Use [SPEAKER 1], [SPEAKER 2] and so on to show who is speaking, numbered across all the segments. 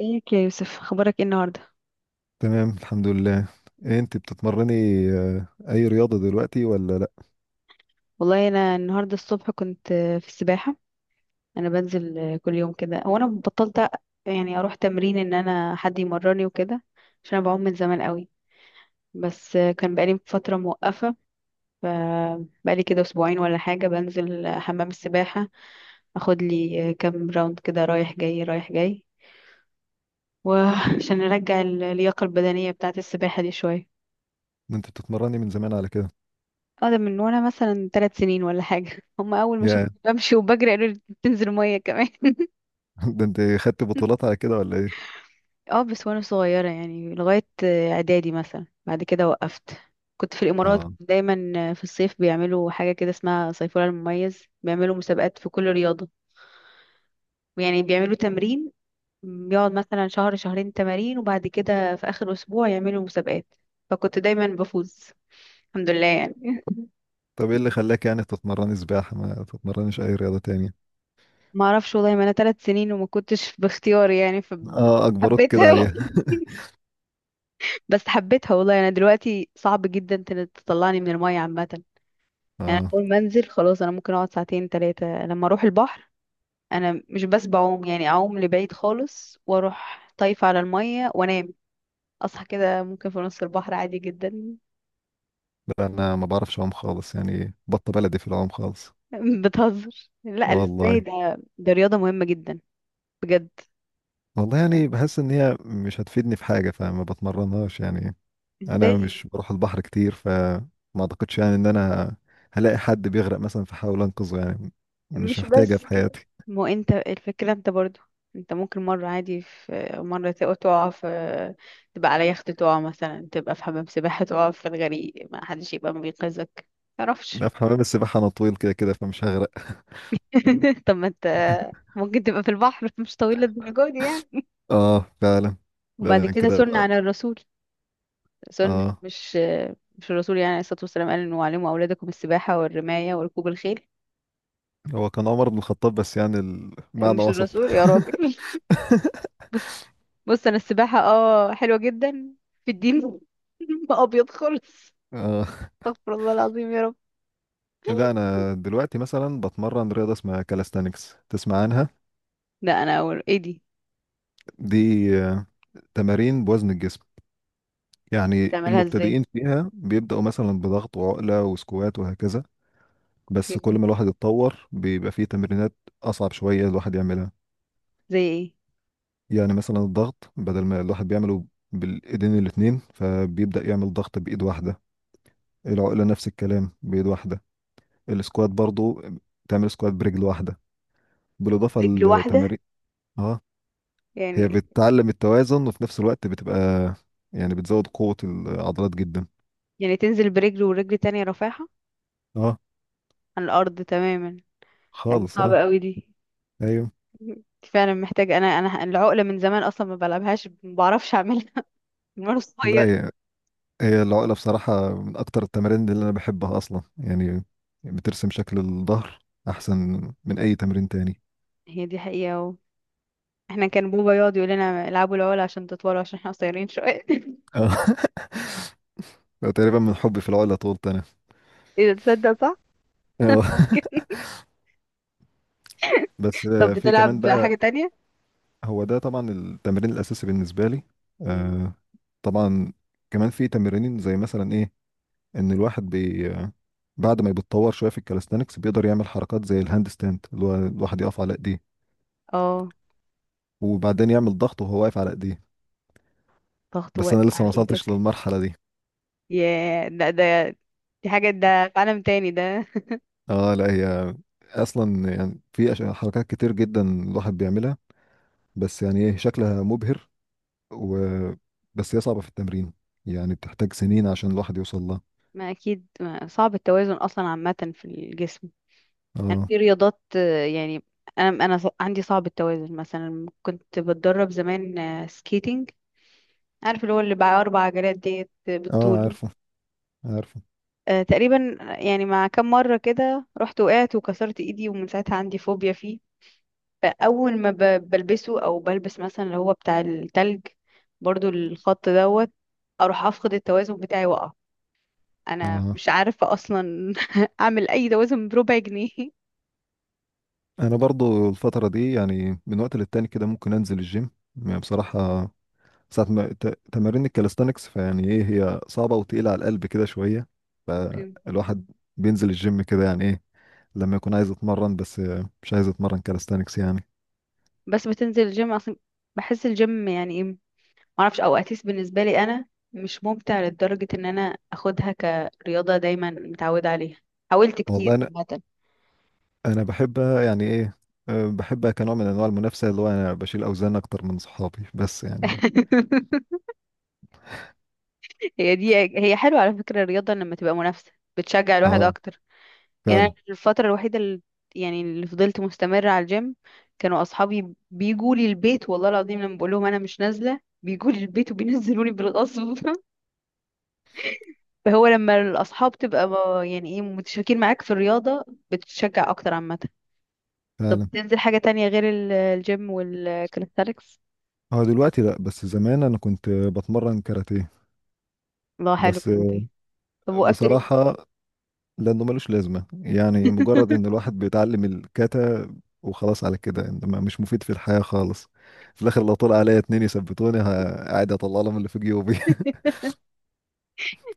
[SPEAKER 1] ازيك يا يوسف، اخبارك ايه النهارده؟
[SPEAKER 2] تمام، الحمد لله. إيه انت بتتمرني؟ اي رياضة دلوقتي ولا لا؟
[SPEAKER 1] والله انا النهارده الصبح كنت في السباحه. انا بنزل كل يوم كده. هو انا بطلت يعني اروح تمرين ان انا حد يمرني وكده، عشان انا بعوم من زمان قوي. بس كان بقالي فتره موقفه، فبقالي كده اسبوعين ولا حاجه بنزل حمام السباحه، اخد لي كام راوند كده رايح جاي رايح جاي، وعشان ارجع اللياقه البدنيه بتاعه السباحه دي شويه.
[SPEAKER 2] ده انت بتتمرني من زمان على كده؟
[SPEAKER 1] اه، ده من وانا مثلا 3 سنين ولا حاجة. هم اول ما
[SPEAKER 2] يا
[SPEAKER 1] شافوني بمشي وبجري قالوا لي بتنزل 100 كمان.
[SPEAKER 2] ده انت خدت بطولات على كده ولا ايه؟
[SPEAKER 1] اه بس وانا صغيرة يعني لغاية اعدادي، مثلا بعد كده وقفت. كنت في الامارات
[SPEAKER 2] اه.
[SPEAKER 1] دايما، في الصيف بيعملوا حاجة كده اسمها صيفورة المميز، بيعملوا مسابقات في كل رياضة. يعني بيعملوا تمرين، بيقعد مثلا شهر شهرين تمارين، وبعد كده في اخر اسبوع يعملوا مسابقات. فكنت دايما بفوز الحمد لله يعني.
[SPEAKER 2] طب ايه اللي خلاك يعني تتمرني سباحة ما تتمرنيش اي رياضة تانية؟
[SPEAKER 1] ما اعرفش والله، ما انا 3 سنين وما كنتش باختياري يعني،
[SPEAKER 2] اه، اجبروك كده
[SPEAKER 1] فحبيتها.
[SPEAKER 2] عليها.
[SPEAKER 1] بس حبيتها والله. انا دلوقتي صعب جدا تطلعني من المية عامة. يعني
[SPEAKER 2] اه.
[SPEAKER 1] اول ما انزل خلاص انا ممكن اقعد ساعتين ثلاثة لما اروح البحر. انا مش بس بعوم، يعني اعوم لبعيد خالص، واروح طايفة على المية وانام، اصحى كده ممكن في نص البحر عادي جدا.
[SPEAKER 2] لا، انا ما بعرفش اعوم خالص، يعني بطة بلدي في العوم خالص.
[SPEAKER 1] بتهزر، لا، ازاي
[SPEAKER 2] والله.
[SPEAKER 1] ده؟ ده رياضة مهمة جدا، بجد.
[SPEAKER 2] والله،
[SPEAKER 1] يعني
[SPEAKER 2] يعني بحس ان هي مش هتفيدني في حاجة فما بتمرنهاش يعني. انا
[SPEAKER 1] ازاي؟
[SPEAKER 2] مش بروح البحر كتير، فما اعتقدش يعني ان انا هلاقي حد بيغرق مثلا فحاول انقذه يعني. مش
[SPEAKER 1] مش
[SPEAKER 2] هحتاجها
[SPEAKER 1] بس
[SPEAKER 2] في
[SPEAKER 1] كده،
[SPEAKER 2] حياتي.
[SPEAKER 1] ما هو انت الفكرة، انت برضو انت ممكن مرة عادي، في مرة تقع في، تبقى على يخت تقع مثلا، تبقى في حمام سباحة تقع في الغريق، ما حدش يبقى بينقذك، متعرفش.
[SPEAKER 2] لا، في حمام السباحة انا طويل كده كده فمش هغرق.
[SPEAKER 1] طب ما انت ممكن تبقى في البحر مش طويل الدرجة دي يعني.
[SPEAKER 2] اه، فعلا. لا، ده
[SPEAKER 1] وبعد
[SPEAKER 2] أنا
[SPEAKER 1] كده
[SPEAKER 2] كده
[SPEAKER 1] سنة
[SPEAKER 2] بقى.
[SPEAKER 1] على الرسول، سنة
[SPEAKER 2] اه.
[SPEAKER 1] مش، مش الرسول يعني عليه الصلاة والسلام قال انه علموا أولادكم السباحة والرماية وركوب الخيل.
[SPEAKER 2] هو كان عمر بن الخطاب، بس يعني المعنى
[SPEAKER 1] مش
[SPEAKER 2] وصل.
[SPEAKER 1] الرسول يا راجل. بص بص، انا السباحة اه حلوة جدا في الدين. ما ابيض خالص.
[SPEAKER 2] اه.
[SPEAKER 1] استغفر الله العظيم يا رب.
[SPEAKER 2] لا، انا دلوقتي مثلا بتمرن رياضه اسمها كالستانكس، تسمع عنها؟
[SPEAKER 1] لا، انا اول ايه دي؟
[SPEAKER 2] دي آه، تمارين بوزن الجسم. يعني
[SPEAKER 1] تعملها ازاي؟
[SPEAKER 2] المبتدئين فيها بيبداوا مثلا بضغط وعقله وسكوات وهكذا. بس
[SPEAKER 1] اوكي.
[SPEAKER 2] كل ما الواحد يتطور بيبقى فيه تمرينات أصعب شوية الواحد يعملها.
[SPEAKER 1] زي ايه؟
[SPEAKER 2] يعني مثلا الضغط بدل ما الواحد بيعمله بالإيدين الاتنين فبيبدأ يعمل ضغط بإيد واحدة. العقلة نفس الكلام بإيد واحدة. السكوات برضو تعمل سكوات برجل واحدة، بالإضافة
[SPEAKER 1] رجل واحدة؟
[SPEAKER 2] للتمارين. اه،
[SPEAKER 1] يعني،
[SPEAKER 2] هي بتعلم التوازن وفي نفس الوقت بتبقى يعني بتزود قوة العضلات جدا.
[SPEAKER 1] يعني تنزل برجل ورجل تانية رافعها
[SPEAKER 2] اه
[SPEAKER 1] عن الارض تماما؟ يعني
[SPEAKER 2] خالص اه.
[SPEAKER 1] صعبة قوي دي.
[SPEAKER 2] ايوه.
[SPEAKER 1] دي فعلا محتاجة. انا العقلة من زمان اصلا ما بلعبهاش، ما بعرفش اعملها. من وانا صغير.
[SPEAKER 2] لا، هي العقلة بصراحة من أكتر التمارين اللي أنا بحبها أصلا يعني. بترسم شكل الظهر أحسن من أي تمرين تاني.
[SPEAKER 1] هي دي حقيقة احنا كان بوبا يقعد يقول لنا العبوا العقلة عشان تطولوا، عشان احنا قصيرين شوية.
[SPEAKER 2] آه. تقريبا من حبي في العقلة طولت أنا.
[SPEAKER 1] اذا تصدق، صح،
[SPEAKER 2] آه.
[SPEAKER 1] ممكن.
[SPEAKER 2] بس
[SPEAKER 1] طب
[SPEAKER 2] في كمان
[SPEAKER 1] بتلعب حاجة
[SPEAKER 2] بقى.
[SPEAKER 1] تانية؟
[SPEAKER 2] هو ده طبعا التمرين الأساسي بالنسبة لي.
[SPEAKER 1] مم.
[SPEAKER 2] آه، طبعا. كمان في تمرين زي مثلا إيه، إن الواحد بي آه، بعد ما بيتطور شوية في الكاليستانكس بيقدر يعمل حركات زي الهاند ستاند اللي هو الواحد يقف على إيديه.
[SPEAKER 1] اه،
[SPEAKER 2] وبعدين يعمل ضغط وهو واقف على إيديه.
[SPEAKER 1] ضغط
[SPEAKER 2] بس
[SPEAKER 1] واقف
[SPEAKER 2] أنا لسه ما
[SPEAKER 1] على
[SPEAKER 2] وصلتش
[SPEAKER 1] ايدك؟
[SPEAKER 2] للمرحلة دي.
[SPEAKER 1] ياه، لا، ده دي حاجة، ده في عالم تاني ده.
[SPEAKER 2] اه، لا، هي اصلا يعني في حركات كتير جدا الواحد بيعملها. بس يعني ايه شكلها مبهر. و بس هي صعبة في التمرين، يعني بتحتاج سنين عشان الواحد يوصل لها.
[SPEAKER 1] ما اكيد ما صعب التوازن اصلا عامه في الجسم. يعني
[SPEAKER 2] اه.
[SPEAKER 1] في رياضات، يعني، انا عندي صعب التوازن، مثلا كنت بتدرب زمان سكيتنج، عارف اللي هو اللي بقى 4 عجلات ديت،
[SPEAKER 2] اه،
[SPEAKER 1] بالطول.
[SPEAKER 2] عارفه، عارفه.
[SPEAKER 1] تقريبا يعني، مع كم مره كده رحت وقعت وكسرت ايدي، ومن ساعتها عندي فوبيا فيه. فاول ما بلبسه، او بلبس مثلا اللي هو بتاع التلج، برضو الخط دوت، اروح افقد التوازن بتاعي واقع. انا
[SPEAKER 2] اه،
[SPEAKER 1] مش عارفة اصلا اعمل اي توازن بربع جنيه.
[SPEAKER 2] انا برضو الفترة دي يعني من وقت للتاني كده ممكن انزل الجيم. يعني بصراحة ساعة ما تمارين الكاليستانكس فيعني ايه هي صعبة وتقيلة على القلب كده شوية.
[SPEAKER 1] اوكي.
[SPEAKER 2] الواحد بينزل الجيم كده يعني ايه لما يكون عايز يتمرن، بس مش عايز يتمرن كاليستانكس يعني.
[SPEAKER 1] بس بتنزل الجيم اصلا؟ بحس الجيم يعني ايه، معرفش، او اتليست بالنسبة لي انا مش ممتع لدرجة ان انا اخدها كرياضة دايما متعودة عليها. حاولت كتير
[SPEAKER 2] والله،
[SPEAKER 1] عامة.
[SPEAKER 2] انا بحب يعني ايه، بحبها كنوع من انواع المنافسه، اللي هو انا بشيل اوزان اكتر من صحابي، بس يعني.
[SPEAKER 1] هي دي حلوة على فكرة، الرياضة لما تبقى منافسة بتشجع الواحد
[SPEAKER 2] اه،
[SPEAKER 1] اكتر. يعني أنا
[SPEAKER 2] فعلا،
[SPEAKER 1] الفترة الوحيدة اللي، يعني اللي فضلت مستمرة على الجيم، كانوا أصحابي بيجوا لي البيت، والله العظيم لما بقول لهم أنا مش نازلة بيجوا لي البيت وبينزلوني بالغصب. فهو لما الأصحاب تبقى يعني إيه، متشاركين معاك في الرياضة، بتتشجع أكتر عامة.
[SPEAKER 2] فعلا.
[SPEAKER 1] تنزل حاجة تانية غير الجيم والكاليستاليكس؟
[SPEAKER 2] هو دلوقتي لا، بس زمان انا كنت بتمرن كاراتيه.
[SPEAKER 1] الله، حلو
[SPEAKER 2] بس
[SPEAKER 1] كلمتين. طب وقفت ليه؟
[SPEAKER 2] بصراحه لانه ملوش لازمه، يعني مجرد ان الواحد بيتعلم الكاتا وخلاص على كده، انما مش مفيد في الحياه خالص. في الاخر لو طلع عليا اتنين يثبتوني قاعد اطلع لهم اللي في جيوبي.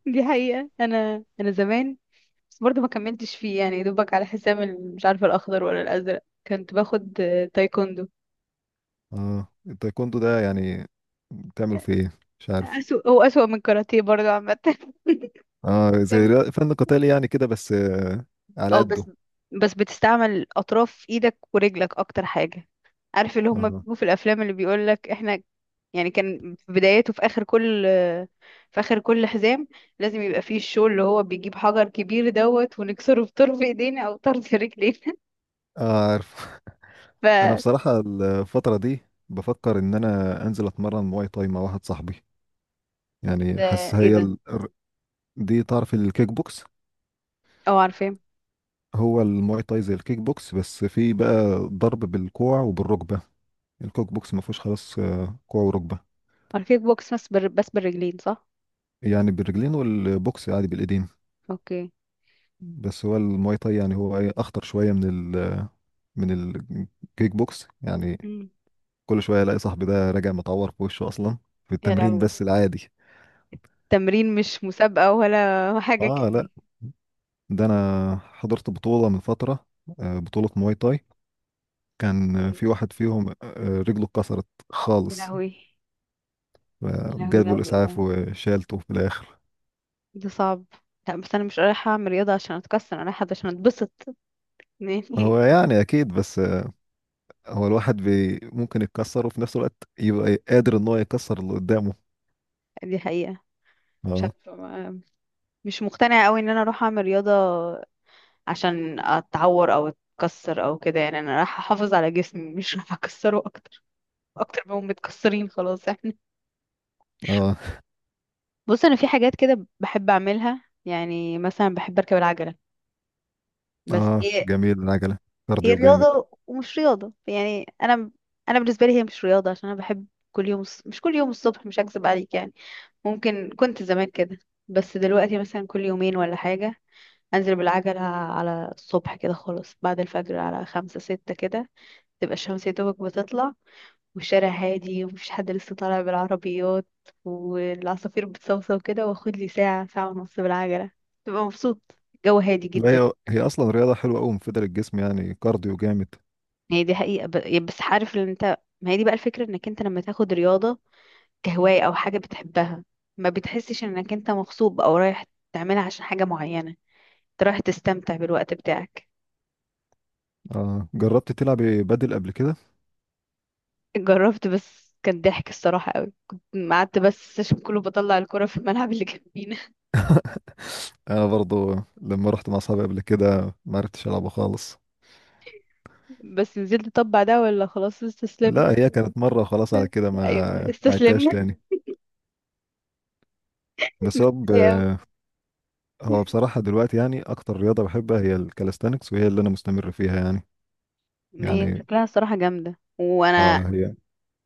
[SPEAKER 1] دي حقيقة، أنا زمان بس برضه ما كملتش فيه يعني، دوبك على حسام، مش عارفة الأخضر ولا الأزرق، كنت باخد تايكوندو.
[SPEAKER 2] اه، التايكوندو ده يعني بتعمل فيه ايه؟ مش عارف.
[SPEAKER 1] أسوأ، هو أسوأ من الكاراتيه برضه عامة.
[SPEAKER 2] اه، زي
[SPEAKER 1] تمام.
[SPEAKER 2] فن قتالي يعني كده، بس على
[SPEAKER 1] اه
[SPEAKER 2] قده.
[SPEAKER 1] بس بتستعمل أطراف إيدك ورجلك أكتر حاجة. عارف اللي هما
[SPEAKER 2] اه،
[SPEAKER 1] بيجوا في الأفلام اللي بيقولك إحنا، يعني كان في بدايته، في آخر كل حزام لازم يبقى فيه الشو اللي هو بيجيب حجر كبير دوت ونكسره بطرف إيدينا أو طرف رجلينا.
[SPEAKER 2] عارف.
[SPEAKER 1] ف
[SPEAKER 2] انا بصراحة الفترة دي بفكر ان انا انزل اتمرن مواي تاي مع واحد صاحبي. يعني
[SPEAKER 1] ده
[SPEAKER 2] حاسس
[SPEAKER 1] إيه ده؟
[SPEAKER 2] دي تعرف الكيك بوكس؟
[SPEAKER 1] اه، عارفاه.
[SPEAKER 2] هو المواي تاي زي الكيك بوكس بس في بقى ضرب بالكوع وبالركبة. الكيك بوكس ما فيهوش خلاص كوع وركبة.
[SPEAKER 1] عارفاه، كيك بوكس، بس بس بالرجلين صح؟
[SPEAKER 2] يعني بالرجلين والبوكس عادي بالايدين.
[SPEAKER 1] أوكي.
[SPEAKER 2] بس هو المواي تاي يعني هو ايه اخطر شوية من ال... من الكيك بوكس يعني.
[SPEAKER 1] مم.
[SPEAKER 2] كل شويه الاقي صاحبي ده راجع متعور في وشه اصلا في
[SPEAKER 1] يا
[SPEAKER 2] التمرين
[SPEAKER 1] لهوي،
[SPEAKER 2] بس العادي.
[SPEAKER 1] تمرين مش مسابقة ولا حاجة
[SPEAKER 2] اه، لا،
[SPEAKER 1] كده؟
[SPEAKER 2] ده انا حضرت بطوله من فتره، بطوله مواي تاي. كان في واحد فيهم رجله اتكسرت
[SPEAKER 1] يا
[SPEAKER 2] خالص.
[SPEAKER 1] لهوي. يا لهوي، لا،
[SPEAKER 2] جابوا الاسعاف وشالته في الاخر.
[SPEAKER 1] ده صعب. لا بس انا مش رايحه اعمل رياضه عشان اتكسر، انا رايحه عشان اتبسط. يعني.
[SPEAKER 2] هو يعني اكيد، بس هو الواحد بي ممكن يتكسر وفي نفس الوقت يبقى قادر ان هو يكسر اللي قدامه.
[SPEAKER 1] دي حقيقه. مش
[SPEAKER 2] اه.
[SPEAKER 1] عارفه، مش مقتنعه قوي ان انا اروح اعمل رياضه عشان اتعور او اتكسر او كده، يعني انا رايحه احافظ على جسمي، مش رايحه اكسره اكتر، اكتر ما هم متكسرين خلاص احنا.
[SPEAKER 2] اه،
[SPEAKER 1] بص، انا في حاجات كده بحب اعملها، يعني مثلا بحب اركب العجله. بس
[SPEAKER 2] اه،
[SPEAKER 1] دي
[SPEAKER 2] جميل العجله،
[SPEAKER 1] هي
[SPEAKER 2] كارديو جامد.
[SPEAKER 1] رياضة ومش رياضة يعني. أنا، أنا بالنسبة لي هي مش رياضة عشان أنا بحب. كل يوم مش كل يوم الصبح، مش هكذب عليك يعني، ممكن كنت زمان كده، بس دلوقتي مثلا كل يومين ولا حاجة أنزل بالعجلة. على الصبح كده خالص، بعد الفجر على 5، 6 كده، تبقى الشمس يا دوبك بتطلع، والشارع هادي ومفيش حد لسه طالع بالعربيات، والعصافير بتصوصو كده، واخد لي ساعة ساعة ونص بالعجلة، تبقى مبسوط، الجو هادي
[SPEAKER 2] لا،
[SPEAKER 1] جدا.
[SPEAKER 2] هي اصلا رياضه حلوه قوي مفيده للجسم يعني، كارديو جامد.
[SPEAKER 1] هي دي حقيقة، بس عارف ان انت، ما هي دي بقى الفكرة، انك انت لما تاخد رياضة كهواية او حاجة بتحبها، ما بتحسش انك انت مغصوب او رايح تعملها عشان حاجة معينة، انت رايح تستمتع بالوقت بتاعك.
[SPEAKER 2] آه، جربت تلعب بدل قبل كده؟
[SPEAKER 1] جربت بس كان ضحك الصراحة قوي، كنت قعدت بس السيشن كله بطلع الكرة في الملعب اللي جنبينا.
[SPEAKER 2] انا برضو لما رحت مع اصحابي قبل كده ما عرفتش العبه خالص.
[SPEAKER 1] بس نزلت طبع ده، ولا خلاص استسلمت؟
[SPEAKER 2] لا، هي كانت مره وخلاص على كده،
[SPEAKER 1] ايوه،
[SPEAKER 2] ما عدتهاش
[SPEAKER 1] استسلمنا.
[SPEAKER 2] تاني. بس
[SPEAKER 1] ايوه.
[SPEAKER 2] هو بصراحه دلوقتي يعني اكتر رياضه بحبها هي الكاليستانكس، وهي اللي انا مستمر فيها يعني.
[SPEAKER 1] ما هي
[SPEAKER 2] يعني
[SPEAKER 1] شكلها الصراحة جامدة، وانا
[SPEAKER 2] اه هي.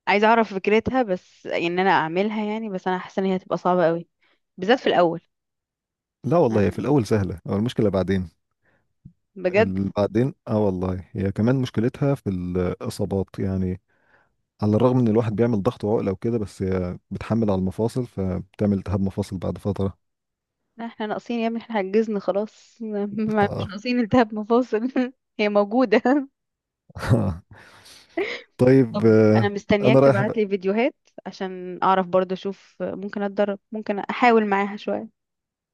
[SPEAKER 1] عايزة اعرف فكرتها، بس يعني ان انا اعملها يعني، بس انا حاسة ان هي هتبقى صعبة قوي بالذات في الاول.
[SPEAKER 2] لا والله هي في
[SPEAKER 1] يعني،
[SPEAKER 2] الاول سهله، هو المشكله بعدين.
[SPEAKER 1] بجد.
[SPEAKER 2] بعدين اه، والله هي كمان مشكلتها في الاصابات يعني. على الرغم ان الواحد بيعمل ضغط وعقله وكده، بس هي بتحمل على المفاصل فبتعمل التهاب مفاصل بعد فتره.
[SPEAKER 1] احنا ناقصين يا ابني؟ احنا عجزنا خلاص. مش
[SPEAKER 2] آه،
[SPEAKER 1] ناقصين التهاب مفاصل. هي موجودة.
[SPEAKER 2] آه. طيب،
[SPEAKER 1] طب انا
[SPEAKER 2] انا
[SPEAKER 1] مستنياك
[SPEAKER 2] رايح
[SPEAKER 1] تبعت
[SPEAKER 2] بقى.
[SPEAKER 1] لي فيديوهات عشان اعرف برضه اشوف ممكن اتدرب، ممكن احاول معاها شوية.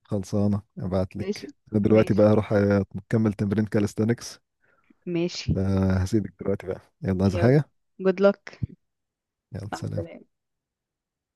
[SPEAKER 2] خلصانه ابعت
[SPEAKER 1] ماشي
[SPEAKER 2] لك. انا دلوقتي بقى
[SPEAKER 1] ماشي
[SPEAKER 2] هروح اكمل تمرين كاليستانكس.
[SPEAKER 1] ماشي.
[SPEAKER 2] فهسيبك دلوقتي بقى. يلا، عايز
[SPEAKER 1] يلا،
[SPEAKER 2] حاجه؟
[SPEAKER 1] good luck.
[SPEAKER 2] يلا،
[SPEAKER 1] مع
[SPEAKER 2] سلام.
[SPEAKER 1] السلامة.